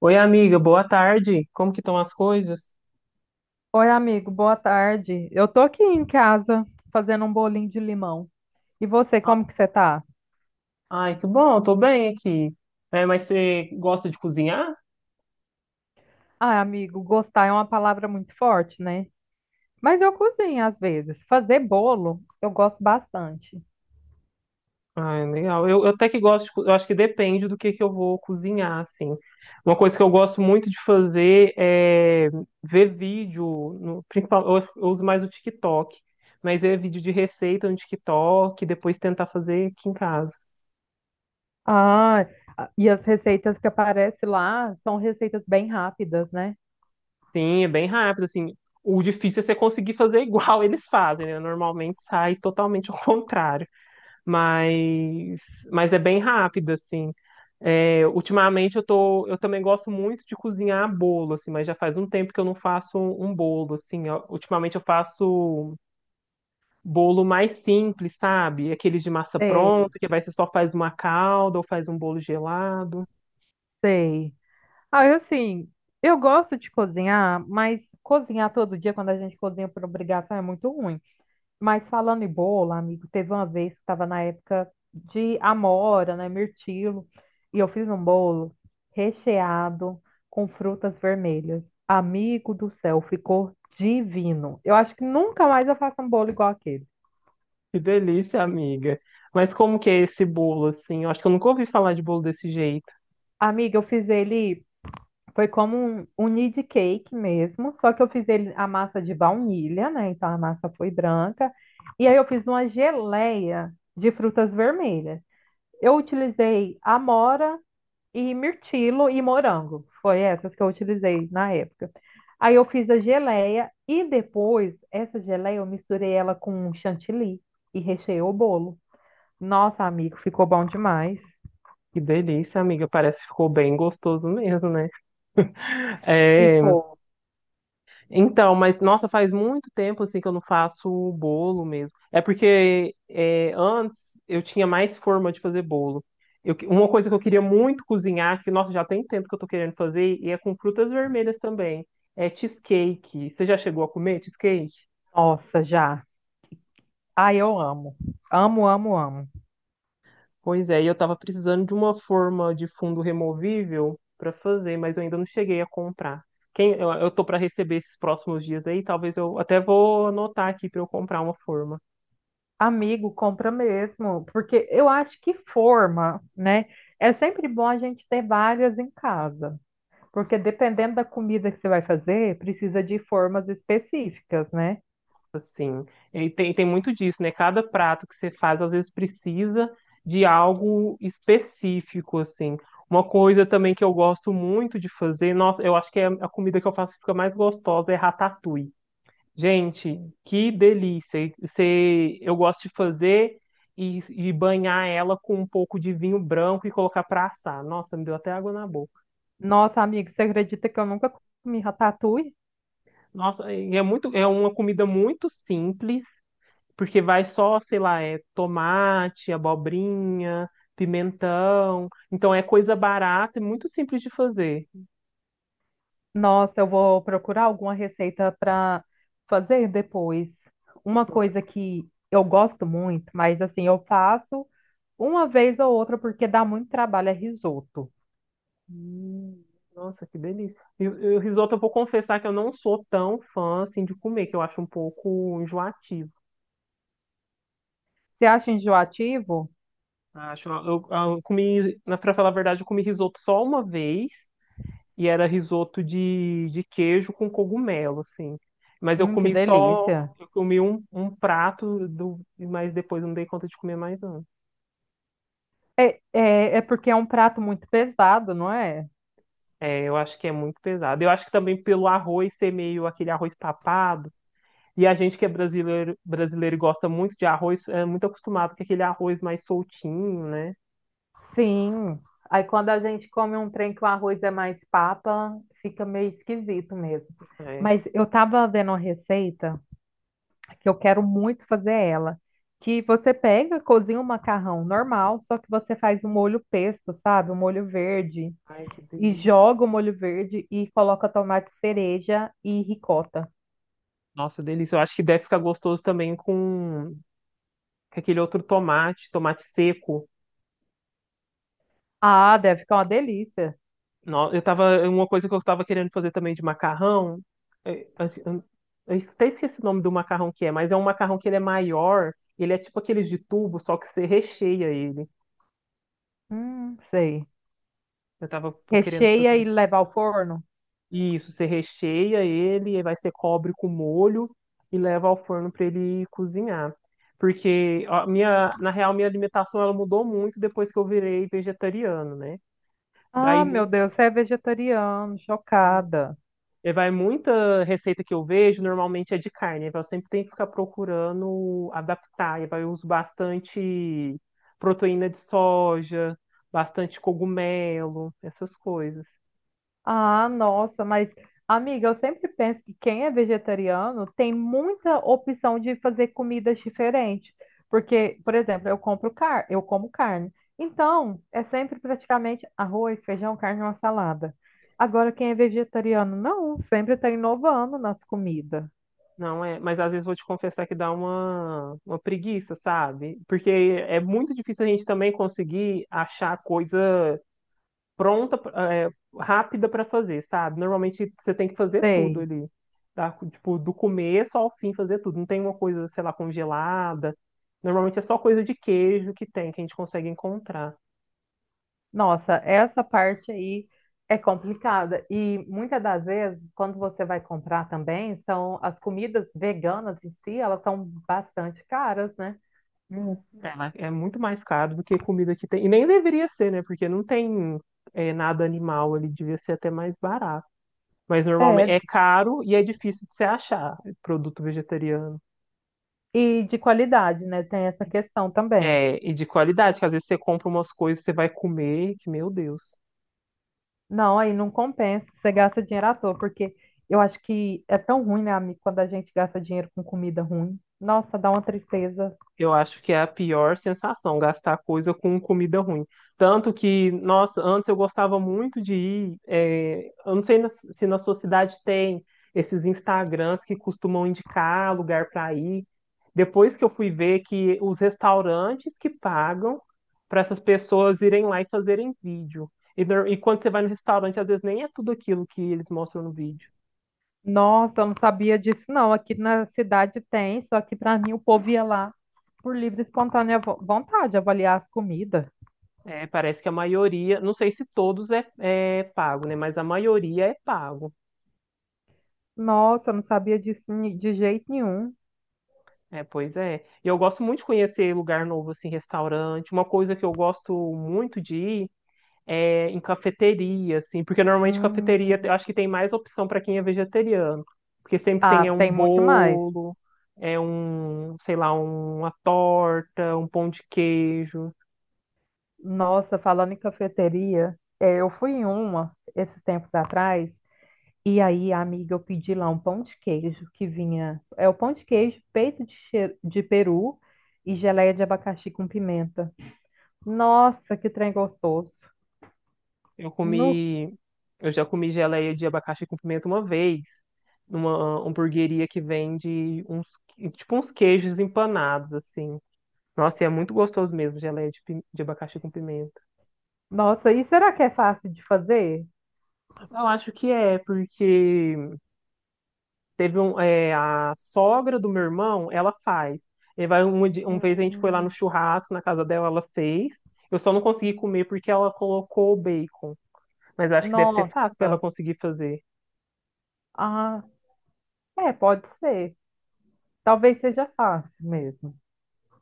Oi, amiga, boa tarde. Como que estão as coisas? Oi, amigo, boa tarde. Eu tô aqui em casa fazendo um bolinho de limão. E você, Ah, como que você tá? Ai, que bom, eu tô bem aqui. É, mas você gosta de cozinhar? Ah, amigo, gostar é uma palavra muito forte, né? Mas eu cozinho às vezes. Fazer bolo, eu gosto bastante. Ai, legal. Eu até que gosto, eu acho que depende do que eu vou cozinhar, assim. Uma coisa que eu gosto muito de fazer é ver vídeo, no, principal, eu uso mais o TikTok, mas ver vídeo de receita no TikTok, e depois tentar fazer aqui em casa. Ah, e as receitas que aparecem lá são receitas bem rápidas, né? Sim, é bem rápido, assim. O difícil é você conseguir fazer igual eles fazem, né? Normalmente sai totalmente ao contrário. mas, mas é bem rápido, assim. É, ultimamente eu tô, eu também gosto muito de cozinhar bolo, assim, mas já faz um tempo que eu não faço um bolo, assim. Ultimamente eu faço bolo mais simples, sabe? Aqueles de massa Sei, pronta, que vai ser só faz uma calda ou faz um bolo gelado. sei. Ah, eu, assim, eu gosto de cozinhar, mas cozinhar todo dia quando a gente cozinha por obrigação é muito ruim. Mas falando em bolo, amigo, teve uma vez que estava na época de amora, né, mirtilo, e eu fiz um bolo recheado com frutas vermelhas. Amigo do céu, ficou divino. Eu acho que nunca mais eu faço um bolo igual aquele. Que delícia, amiga. Mas como que é esse bolo, assim? Eu acho que eu nunca ouvi falar de bolo desse jeito. Amiga, eu fiz ele, foi como um need cake mesmo, só que eu fiz ele a massa de baunilha, né? Então a massa foi branca. E aí eu fiz uma geleia de frutas vermelhas. Eu utilizei amora, e mirtilo e morango. Foi essas que eu utilizei na época. Aí eu fiz a geleia e depois essa geleia eu misturei ela com um chantilly e recheei o bolo. Nossa, amigo, ficou bom demais. Que delícia, amiga. Parece que ficou bem gostoso mesmo, né? É. Ficou. Então, mas nossa, faz muito tempo assim que eu não faço bolo mesmo. É porque é, antes eu tinha mais forma de fazer bolo. Uma coisa que eu queria muito cozinhar, que nossa, já tem tempo que eu tô querendo fazer, e é com frutas vermelhas também. É cheesecake. Você já chegou a comer cheesecake? Nossa, já. Ai, eu amo. Amo, amo, amo. Pois é, e eu tava precisando de uma forma de fundo removível para fazer, mas eu ainda não cheguei a comprar. Eu tô para receber esses próximos dias aí, talvez eu até vou anotar aqui para eu comprar uma forma. Amigo, compra mesmo, porque eu acho que forma, né? É sempre bom a gente ter várias em casa, porque dependendo da comida que você vai fazer, precisa de formas específicas, né? Assim, e tem, tem muito disso, né? Cada prato que você faz, às vezes, precisa de algo específico, assim. Uma coisa também que eu gosto muito de fazer, nossa, eu acho que é a comida que eu faço que fica mais gostosa é ratatouille. Gente, que delícia! E você, eu gosto de fazer e banhar ela com um pouco de vinho branco e colocar para assar. Nossa, me deu até água na boca. Nossa, amigo, você acredita que eu nunca comi ratatouille? Nossa, e é muito, é uma comida muito simples. Porque vai só, sei lá, é tomate, abobrinha, pimentão. Então é coisa barata e muito simples de fazer. Nossa, eu vou procurar alguma receita para fazer depois. Uma Nossa, coisa que eu gosto muito, mas assim, eu faço uma vez ou outra porque dá muito trabalho, é risoto. hum, nossa, que delícia. E o risoto, eu vou confessar que eu não sou tão fã assim de comer, que eu acho um pouco enjoativo. Você acha enjoativo? Acho, eu comi, pra falar a verdade, eu comi risoto só uma vez e era risoto de queijo com cogumelo, assim. Mas eu Que comi só, delícia. eu comi um, um prato, do, mas depois eu não dei conta de comer mais, não. É porque é um prato muito pesado, não é? É, eu acho que é muito pesado. Eu acho que também pelo arroz ser meio aquele arroz papado, e a gente que é brasileiro, brasileiro e gosta muito de arroz, é muito acostumado com aquele arroz mais soltinho, né? Sim. Aí quando a gente come um trem que o arroz é mais papa, fica meio esquisito mesmo. É. Mas eu tava vendo uma receita. Que eu quero muito fazer ela. Que você pega, cozinha um macarrão normal, só que você faz um molho pesto, sabe? Um molho verde. Ai, que E delícia. joga o molho verde e coloca tomate cereja e ricota. Nossa, delícia. Eu acho que deve ficar gostoso também com aquele outro tomate, tomate seco. Ah, deve ficar uma delícia. Não, eu tava, uma coisa que eu tava querendo fazer também de macarrão, é, assim, eu até esqueci o nome do macarrão que é, mas é um macarrão que ele é maior, ele é tipo aqueles de tubo, só que você recheia ele. Sei. Eu tava querendo Recheia e fazer leva ao forno? isso, você recheia ele, aí vai ser cobre com molho e leva ao forno para ele cozinhar. Porque a minha, na real, minha alimentação ela mudou muito depois que eu virei vegetariano, né? Ah, meu Daí Deus, você é vegetariano, chocada. E vai muita receita que eu vejo, normalmente é de carne. Aí eu sempre tenho que ficar procurando adaptar. E vai eu uso bastante proteína de soja, bastante cogumelo, essas coisas. Ah, nossa, mas amiga, eu sempre penso que quem é vegetariano tem muita opção de fazer comidas diferentes, porque, por exemplo, eu compro car, eu como carne. Então, é sempre praticamente arroz, feijão, carne e uma salada. Agora, quem é vegetariano, não, sempre está inovando nas comidas. Não é, mas às vezes vou te confessar que dá uma preguiça, sabe? Porque é muito difícil a gente também conseguir achar coisa pronta, é, rápida para fazer, sabe? Normalmente você tem que fazer tudo Sei. ali, tá? Tipo, do começo ao fim fazer tudo. Não tem uma coisa, sei lá, congelada. Normalmente é só coisa de queijo que tem, que a gente consegue encontrar. Nossa, essa parte aí é complicada. E muitas das vezes, quando você vai comprar também, são as comidas veganas em si, elas são bastante caras, né? Ela é muito mais caro do que comida que tem. E nem deveria ser, né? Porque não tem é, nada animal ali, devia ser até mais barato. Mas normalmente É, é caro e é difícil de se achar produto vegetariano. e de qualidade, né? Tem essa questão também. É, e de qualidade, que às vezes você compra umas coisas, você vai comer, que meu Deus. Não, aí não compensa, você gasta dinheiro à toa, porque eu acho que é tão ruim, né, amigo, quando a gente gasta dinheiro com comida ruim. Nossa, dá uma tristeza. Eu acho que é a pior sensação, gastar coisa com comida ruim. Tanto que, nossa, antes eu gostava muito de ir. Eu não sei se na sua cidade tem esses Instagrams que costumam indicar lugar para ir. Depois que eu fui ver que os restaurantes que pagam para essas pessoas irem lá e fazerem vídeo. E quando você vai no restaurante, às vezes nem é tudo aquilo que eles mostram no vídeo. Nossa, eu não sabia disso, não. Aqui na cidade tem, só que para mim o povo ia lá por livre e espontânea vontade avaliar as comidas. Parece que a maioria, não sei se todos é pago, né? Mas a maioria é pago. Nossa, eu não sabia disso de jeito nenhum. É, pois é. E eu gosto muito de conhecer lugar novo, assim, restaurante. Uma coisa que eu gosto muito de ir é em cafeteria, assim, porque normalmente cafeteria eu Hum. acho que tem mais opção para quem é vegetariano. Porque sempre tem é, Ah, um tem muito mais. bolo, é um, sei lá, uma torta, um pão de queijo. Nossa, falando em cafeteria, é, eu fui em uma esses tempos atrás, e aí, amiga, eu pedi lá um pão de queijo que vinha. É o pão de queijo, peito de, de peru e geleia de abacaxi com pimenta. Nossa, que trem gostoso. Eu Nu comi, eu já comi geleia de abacaxi com pimenta uma vez, numa hamburgueria que vende uns, tipo uns queijos empanados, assim. Nossa, e é muito gostoso mesmo, geleia de, de abacaxi com pimenta. Nossa, e será que é fácil de fazer? Eu acho que é, porque teve um, é, a sogra do meu irmão, ela faz. E vai uma, uma vez a gente foi lá no Hum, churrasco, na casa dela, ela fez. Eu só não consegui comer porque ela colocou o bacon. Mas eu acho que deve ser nossa. fácil para ela conseguir fazer. Ah, é, pode ser. Talvez seja fácil mesmo.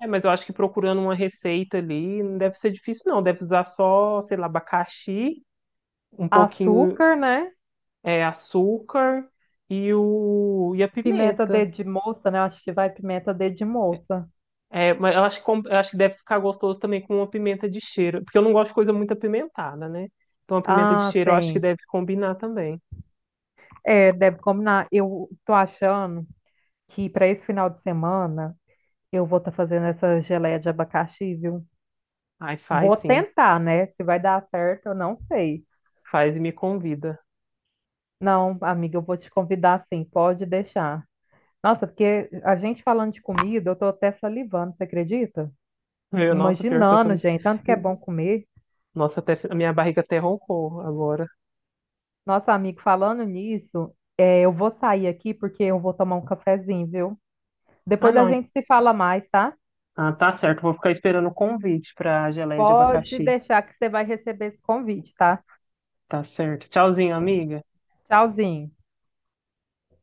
É, mas eu acho que procurando uma receita ali não deve ser difícil, não. Deve usar só, sei lá, abacaxi, um pouquinho, Açúcar, né? é, açúcar e, o, e a Pimenta pimenta. dedo de moça, né? Acho que vai pimenta dedo de moça. É, mas eu acho que, eu acho que deve ficar gostoso também com uma pimenta de cheiro, porque eu não gosto de coisa muito apimentada, né? Então a pimenta de Ah, cheiro eu acho que sim. deve combinar também. É, deve combinar. Eu tô achando que para esse final de semana eu vou estar fazendo essa geleia de abacaxi, viu? Ai, faz Vou sim, tentar, né? Se vai dar certo, eu não sei. faz e me convida. Não, amiga, eu vou te convidar sim, pode deixar. Nossa, porque a gente falando de comida, eu tô até salivando, você acredita? Meu, nossa, pior que eu tô. Imaginando, gente, tanto que é bom comer. Nossa, até a minha barriga até roncou agora. Nossa amigo falando nisso, é, eu vou sair aqui porque eu vou tomar um cafezinho, viu? Ah, Depois a não. gente se fala mais, tá? Ah, tá certo, vou ficar esperando o convite pra geleia de Pode abacaxi. deixar que você vai receber esse convite, tá? Tá certo. Tchauzinho, amiga. Tchauzinho.